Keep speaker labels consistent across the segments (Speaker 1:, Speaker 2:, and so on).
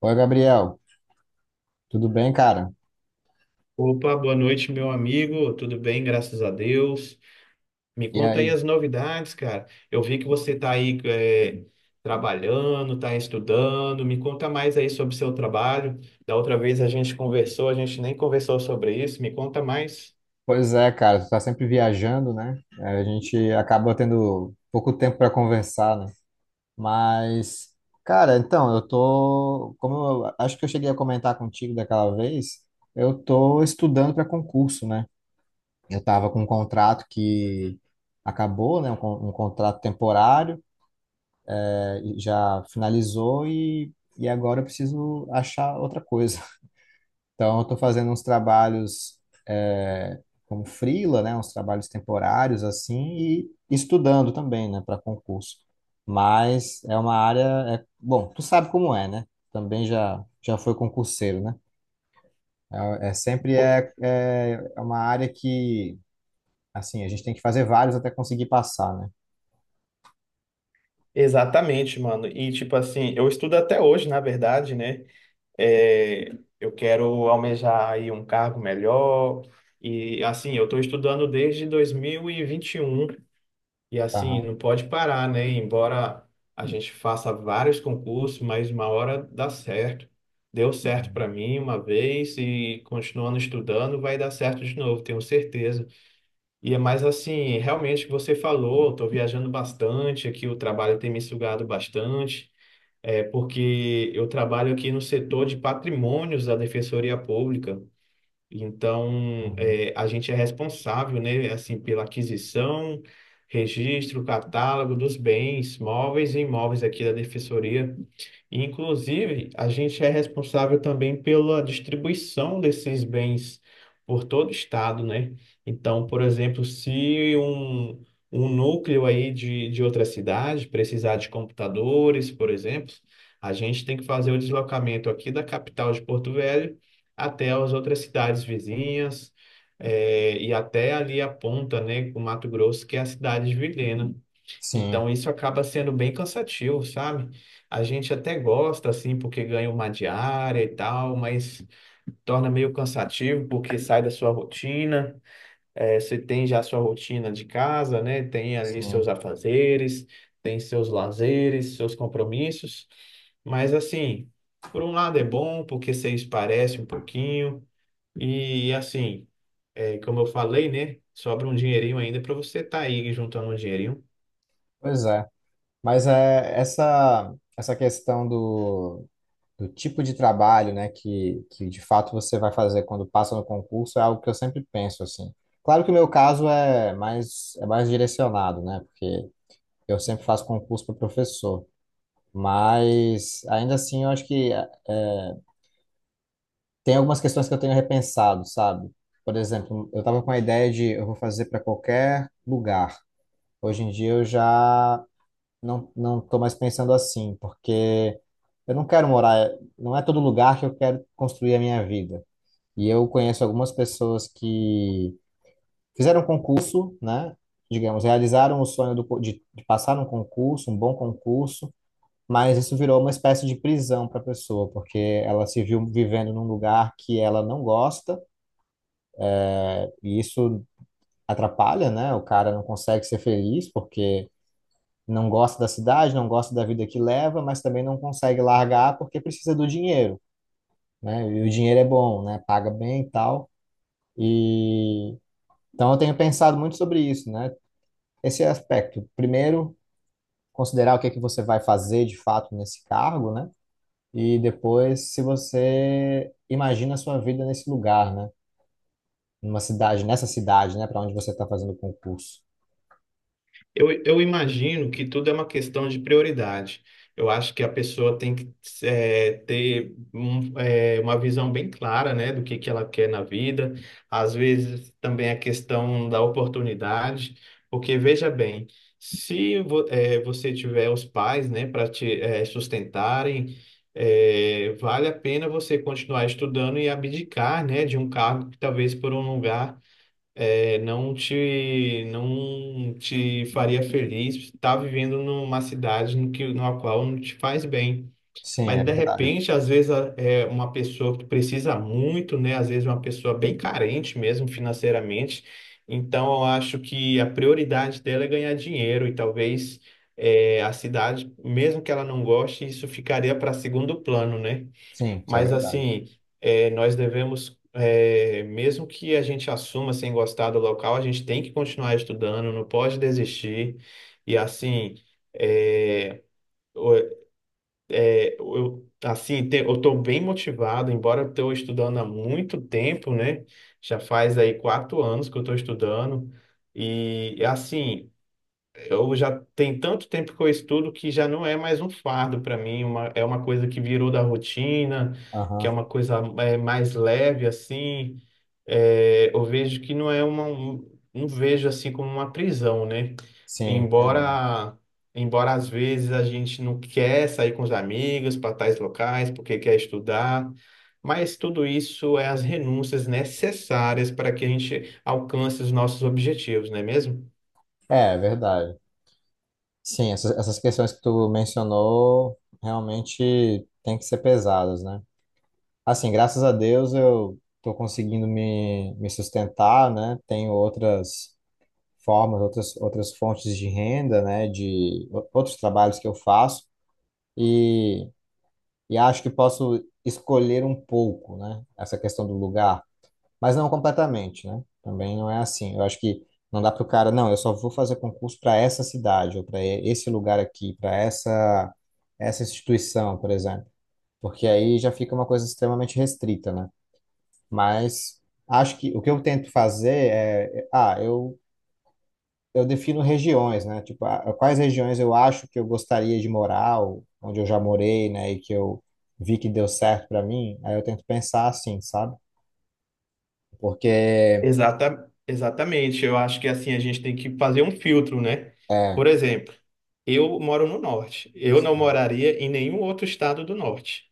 Speaker 1: Oi, Gabriel, tudo bem, cara?
Speaker 2: Opa, boa noite, meu amigo. Tudo bem, graças a Deus. Me
Speaker 1: E
Speaker 2: conta aí
Speaker 1: aí?
Speaker 2: as novidades, cara. Eu vi que você tá aí trabalhando, tá estudando. Me conta mais aí sobre o seu trabalho. Da outra vez a gente conversou, a gente nem conversou sobre isso. Me conta mais.
Speaker 1: Pois é, cara, tu tá sempre viajando, né? É, a gente acaba tendo pouco tempo para conversar, né? Mas, cara, então, eu tô, como eu acho que eu cheguei a comentar contigo daquela vez, eu tô estudando para concurso, né? Eu tava com um contrato que acabou, né? Um contrato temporário, e já finalizou e agora eu preciso achar outra coisa. Então, eu estou fazendo uns trabalhos é, como freela, né, uns trabalhos temporários assim e estudando também, né, para concurso. Mas é uma área, é, bom, tu sabe como é, né? Também já já foi concurseiro, né? É, é sempre
Speaker 2: Pô,
Speaker 1: é, é é uma área que assim a gente tem que fazer vários até conseguir passar, né?
Speaker 2: exatamente, mano. E tipo assim, eu estudo até hoje, na verdade, né? É, eu quero almejar aí um cargo melhor. E assim, eu estou estudando desde dois mil e vinte e um. E assim,
Speaker 1: Aham.
Speaker 2: não pode parar, né? Embora a gente faça vários concursos, mas uma hora dá certo. Deu certo para mim uma vez e continuando estudando vai dar certo de novo, tenho certeza. E é mais assim, realmente o que você falou, estou viajando bastante aqui, o trabalho tem me sugado bastante, é porque eu trabalho aqui no setor de patrimônios da Defensoria Pública. Então,
Speaker 1: Uhum.
Speaker 2: é, a gente é responsável, né, assim, pela aquisição, registro, catálogo dos bens móveis e imóveis aqui da Defensoria. E, inclusive, a gente é responsável também pela distribuição desses bens por todo o estado, né? Então, por exemplo, se um, um núcleo aí de outra cidade precisar de computadores, por exemplo, a gente tem que fazer o deslocamento aqui da capital de Porto Velho até as outras cidades vizinhas, e até ali a ponta, né, com Mato Grosso, que é a cidade de Vilhena.
Speaker 1: Sim,
Speaker 2: Então isso acaba sendo bem cansativo, sabe? A gente até gosta assim porque ganha uma diária e tal, mas torna meio cansativo porque sai da sua rotina. Você tem já a sua rotina de casa, né? Tem ali seus
Speaker 1: sim.
Speaker 2: afazeres, tem seus lazeres, seus compromissos. Mas assim, por um lado é bom porque você esparece um pouquinho e assim, como eu falei, né? Sobra um dinheirinho ainda para você estar aí juntando um dinheirinho.
Speaker 1: Pois é. Mas é, essa questão do, do tipo de trabalho, né, que de fato você vai fazer quando passa no concurso é algo que eu sempre penso, assim. Claro que o meu caso é mais direcionado, né, porque eu sempre faço concurso para professor, mas ainda assim eu acho que tem algumas questões que eu tenho repensado, sabe? Por exemplo, eu estava com a ideia de eu vou fazer para qualquer lugar. Hoje em dia eu já não estou mais pensando assim, porque. Eu não quero morar, não é todo lugar que eu quero construir a minha vida. E eu conheço algumas pessoas que fizeram um concurso, né? Digamos, realizaram o sonho de passar num concurso, um bom concurso, mas isso virou uma espécie de prisão para a pessoa, porque ela se viu vivendo num lugar que ela não gosta, e isso atrapalha, né? O cara não consegue ser feliz porque não gosta da cidade, não gosta da vida que leva, mas também não consegue largar porque precisa do dinheiro, né? E o dinheiro é bom, né? Paga bem e tal. E então eu tenho pensado muito sobre isso, né? Esse aspecto. Primeiro, considerar o que é que você vai fazer de fato nesse cargo, né? E depois, se você imagina a sua vida nesse lugar, né? Numa cidade, nessa cidade, né? Para onde você está fazendo o concurso.
Speaker 2: Eu imagino que tudo é uma questão de prioridade. Eu acho que a pessoa tem que ter uma visão bem clara, né, do que ela quer na vida. Às vezes também a questão da oportunidade, porque veja bem, se vo- eh, você tiver os pais, né, para te sustentarem, vale a pena você continuar estudando e abdicar, né, de um cargo que talvez por um lugar é, não te faria feliz estar vivendo numa cidade no que, na qual não te faz bem.
Speaker 1: Sim,
Speaker 2: Mas,
Speaker 1: é
Speaker 2: de
Speaker 1: verdade.
Speaker 2: repente, às vezes, é uma pessoa que precisa muito, né? Às vezes, uma pessoa bem carente mesmo financeiramente. Então, eu acho que a prioridade dela é ganhar dinheiro e talvez é, a cidade, mesmo que ela não goste, isso ficaria para segundo plano, né?
Speaker 1: Sim, isso é
Speaker 2: Mas
Speaker 1: verdade.
Speaker 2: assim, nós devemos, mesmo que a gente assuma sem gostar do local, a gente tem que continuar estudando, não pode desistir. E assim, eh, o- eh, eu estou bem motivado, embora eu estou estudando há muito tempo, né? Já faz aí quatro anos que eu estou estudando. E assim, eu já tem tanto tempo que eu estudo que já não é mais um fardo para mim, é uma coisa que virou da rotina, que é
Speaker 1: Aham.
Speaker 2: uma coisa mais leve assim. É, eu vejo que não é não vejo assim como uma prisão, né?
Speaker 1: Sim, entendi.
Speaker 2: Embora, embora às vezes a gente não quer sair com os amigos para tais locais porque quer estudar, mas tudo isso é as renúncias necessárias para que a gente alcance os nossos objetivos, não é mesmo?
Speaker 1: É, é verdade. Sim, essas questões que tu mencionou realmente têm que ser pesadas, né? Assim, graças a Deus eu estou conseguindo me sustentar, né? Tenho outras formas, outras fontes de renda, né? De outros trabalhos que eu faço e, e acho que posso escolher um pouco, né? Essa questão do lugar, mas não completamente, né? Também não é assim. Eu acho que não dá para o cara, não, eu só vou fazer concurso para essa cidade ou para esse lugar aqui, para essa instituição, por exemplo, porque aí já fica uma coisa extremamente restrita, né? Mas acho que o que eu tento fazer é, eu defino regiões, né? Tipo, ah, quais regiões eu acho que eu gostaria de morar, ou onde eu já morei, né? E que eu vi que deu certo para mim. Aí eu tento pensar assim, sabe? Porque,
Speaker 2: Exatamente. Eu acho que assim a gente tem que fazer um filtro, né?
Speaker 1: é,
Speaker 2: Por exemplo, eu moro no norte. Eu não moraria em nenhum outro estado do norte,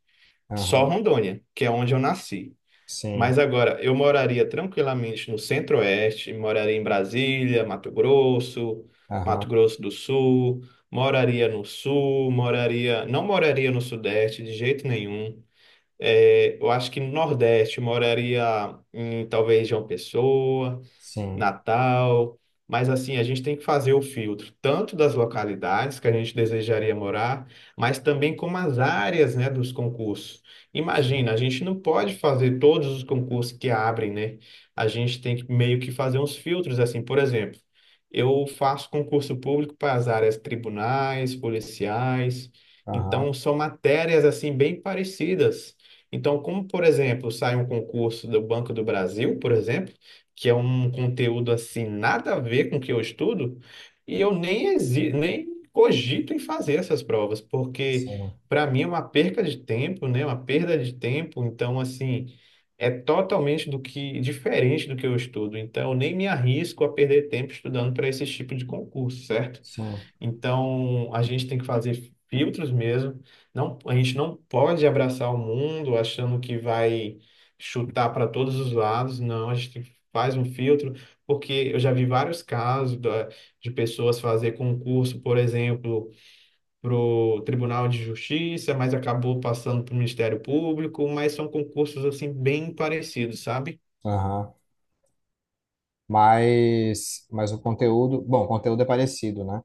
Speaker 2: só
Speaker 1: aham,
Speaker 2: Rondônia, que é onde eu nasci.
Speaker 1: sim,
Speaker 2: Mas agora eu moraria tranquilamente no centro-oeste, moraria em Brasília, Mato Grosso, Mato
Speaker 1: aham,
Speaker 2: Grosso do Sul, moraria no sul, moraria, não moraria no sudeste de jeito nenhum. É, eu acho que no Nordeste eu moraria em talvez João Pessoa,
Speaker 1: sim,
Speaker 2: Natal. Mas assim, a gente tem que fazer o filtro tanto das localidades que a gente desejaria morar, mas também como as áreas, né, dos concursos.
Speaker 1: sim,
Speaker 2: Imagina, a gente não pode fazer todos os concursos que abrem, né? A gente tem que meio que fazer uns filtros assim, por exemplo, eu faço concurso público para as áreas tribunais, policiais,
Speaker 1: aham,
Speaker 2: então são matérias assim bem parecidas. Então, como por exemplo, sai um concurso do Banco do Brasil, por exemplo, que é um conteúdo assim, nada a ver com o que eu estudo, e eu nem, exi nem cogito em fazer essas provas, porque
Speaker 1: sim,
Speaker 2: para mim é uma perca de tempo, né? Uma perda de tempo, então assim, é totalmente do que diferente do que eu estudo, então eu nem me arrisco a perder tempo estudando para esse tipo de concurso, certo?
Speaker 1: sim,
Speaker 2: Então, a gente tem que fazer filtros mesmo. Não, a gente não pode abraçar o mundo achando que vai chutar para todos os lados. Não, a gente faz um filtro, porque eu já vi vários casos de pessoas fazer concurso, por exemplo, para o Tribunal de Justiça, mas acabou passando para o Ministério Público, mas são concursos assim bem parecidos, sabe?
Speaker 1: aham. Mas o conteúdo, bom, o conteúdo é parecido, né?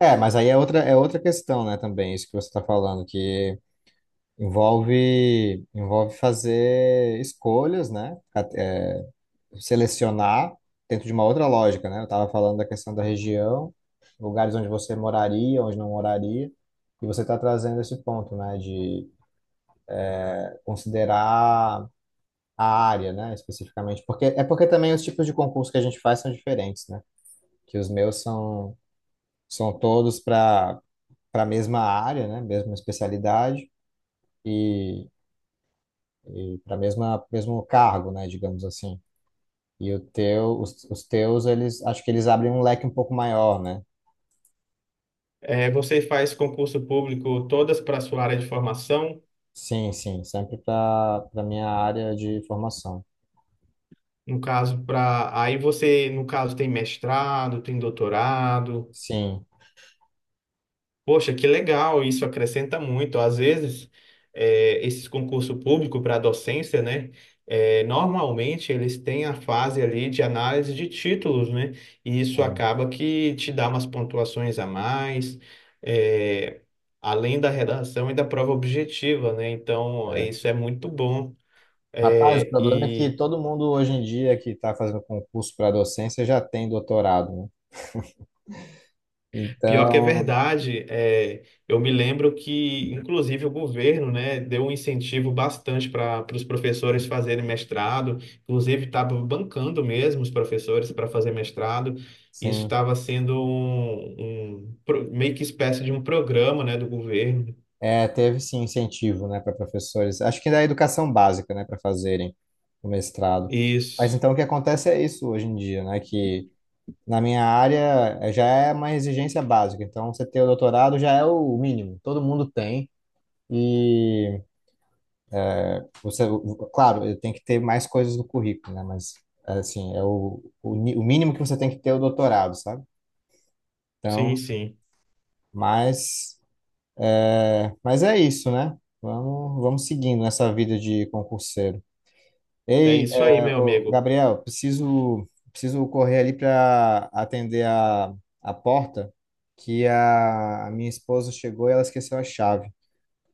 Speaker 1: É, mas aí é outra questão, né, também, isso que você está falando, que envolve, envolve fazer escolhas, né? Selecionar dentro de uma outra lógica, né? Eu estava falando da questão da região, lugares onde você moraria, onde não moraria, e você está trazendo esse ponto, né? De considerar a área, né? Especificamente, porque é porque também os tipos de concurso que a gente faz são diferentes, né? Que os meus são são todos para para a mesma área, né? Mesma especialidade. E para mesma mesmo cargo, né, digamos assim. E o teu, os teus, eles acho que eles abrem um leque um pouco maior, né?
Speaker 2: É, você faz concurso público todas para a sua área de formação.
Speaker 1: Sim, sim, sempre para para minha área de formação.
Speaker 2: No caso, para. Aí você, no caso, tem mestrado, tem doutorado.
Speaker 1: Sim,
Speaker 2: Poxa, que legal, isso acrescenta muito. Às vezes, esses concursos públicos para docência, né? Normalmente eles têm a fase ali de análise de títulos, né? E isso
Speaker 1: sim.
Speaker 2: acaba que te dá umas pontuações a mais, eh, além da redação e da prova objetiva, né? Então,
Speaker 1: É.
Speaker 2: isso é muito bom.
Speaker 1: Rapaz, o
Speaker 2: Eh,
Speaker 1: problema é que
Speaker 2: e
Speaker 1: todo mundo hoje em dia que está fazendo concurso para docência já tem doutorado, né?
Speaker 2: Pior que é
Speaker 1: Então,
Speaker 2: verdade, é, eu me lembro que, inclusive, o governo, né, deu um incentivo bastante para os professores fazerem mestrado, inclusive estava bancando mesmo os professores para fazer mestrado. Isso
Speaker 1: sim,
Speaker 2: estava sendo meio que espécie de um programa, né, do governo.
Speaker 1: é, teve sim incentivo, né, para professores. Acho que da educação básica, né, para fazerem o mestrado. Mas
Speaker 2: Isso,
Speaker 1: então o que acontece é isso hoje em dia, né, que na minha área já é uma exigência básica, então você ter o doutorado já é o mínimo, todo mundo tem. E você, claro, tem que ter mais coisas no currículo, né? Mas assim, é o mínimo que você tem que ter é o doutorado, sabe?
Speaker 2: sim,
Speaker 1: Então,
Speaker 2: sim.
Speaker 1: mas mas é isso, né? Vamos, vamos seguindo nessa vida de concurseiro.
Speaker 2: É
Speaker 1: Ei,
Speaker 2: isso aí, meu amigo.
Speaker 1: Gabriel, preciso correr ali para atender a porta, que a minha esposa chegou e ela esqueceu a chave.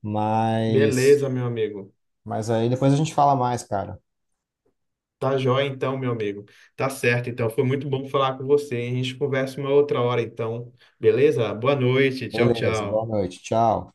Speaker 1: Mas
Speaker 2: Beleza, meu amigo.
Speaker 1: mas aí depois a gente fala mais, cara.
Speaker 2: Tá jóia então, meu amigo. Tá certo, então. Foi muito bom falar com você. Hein? A gente conversa uma outra hora, então. Beleza? Boa noite. Tchau,
Speaker 1: Beleza, boa
Speaker 2: tchau.
Speaker 1: noite, tchau.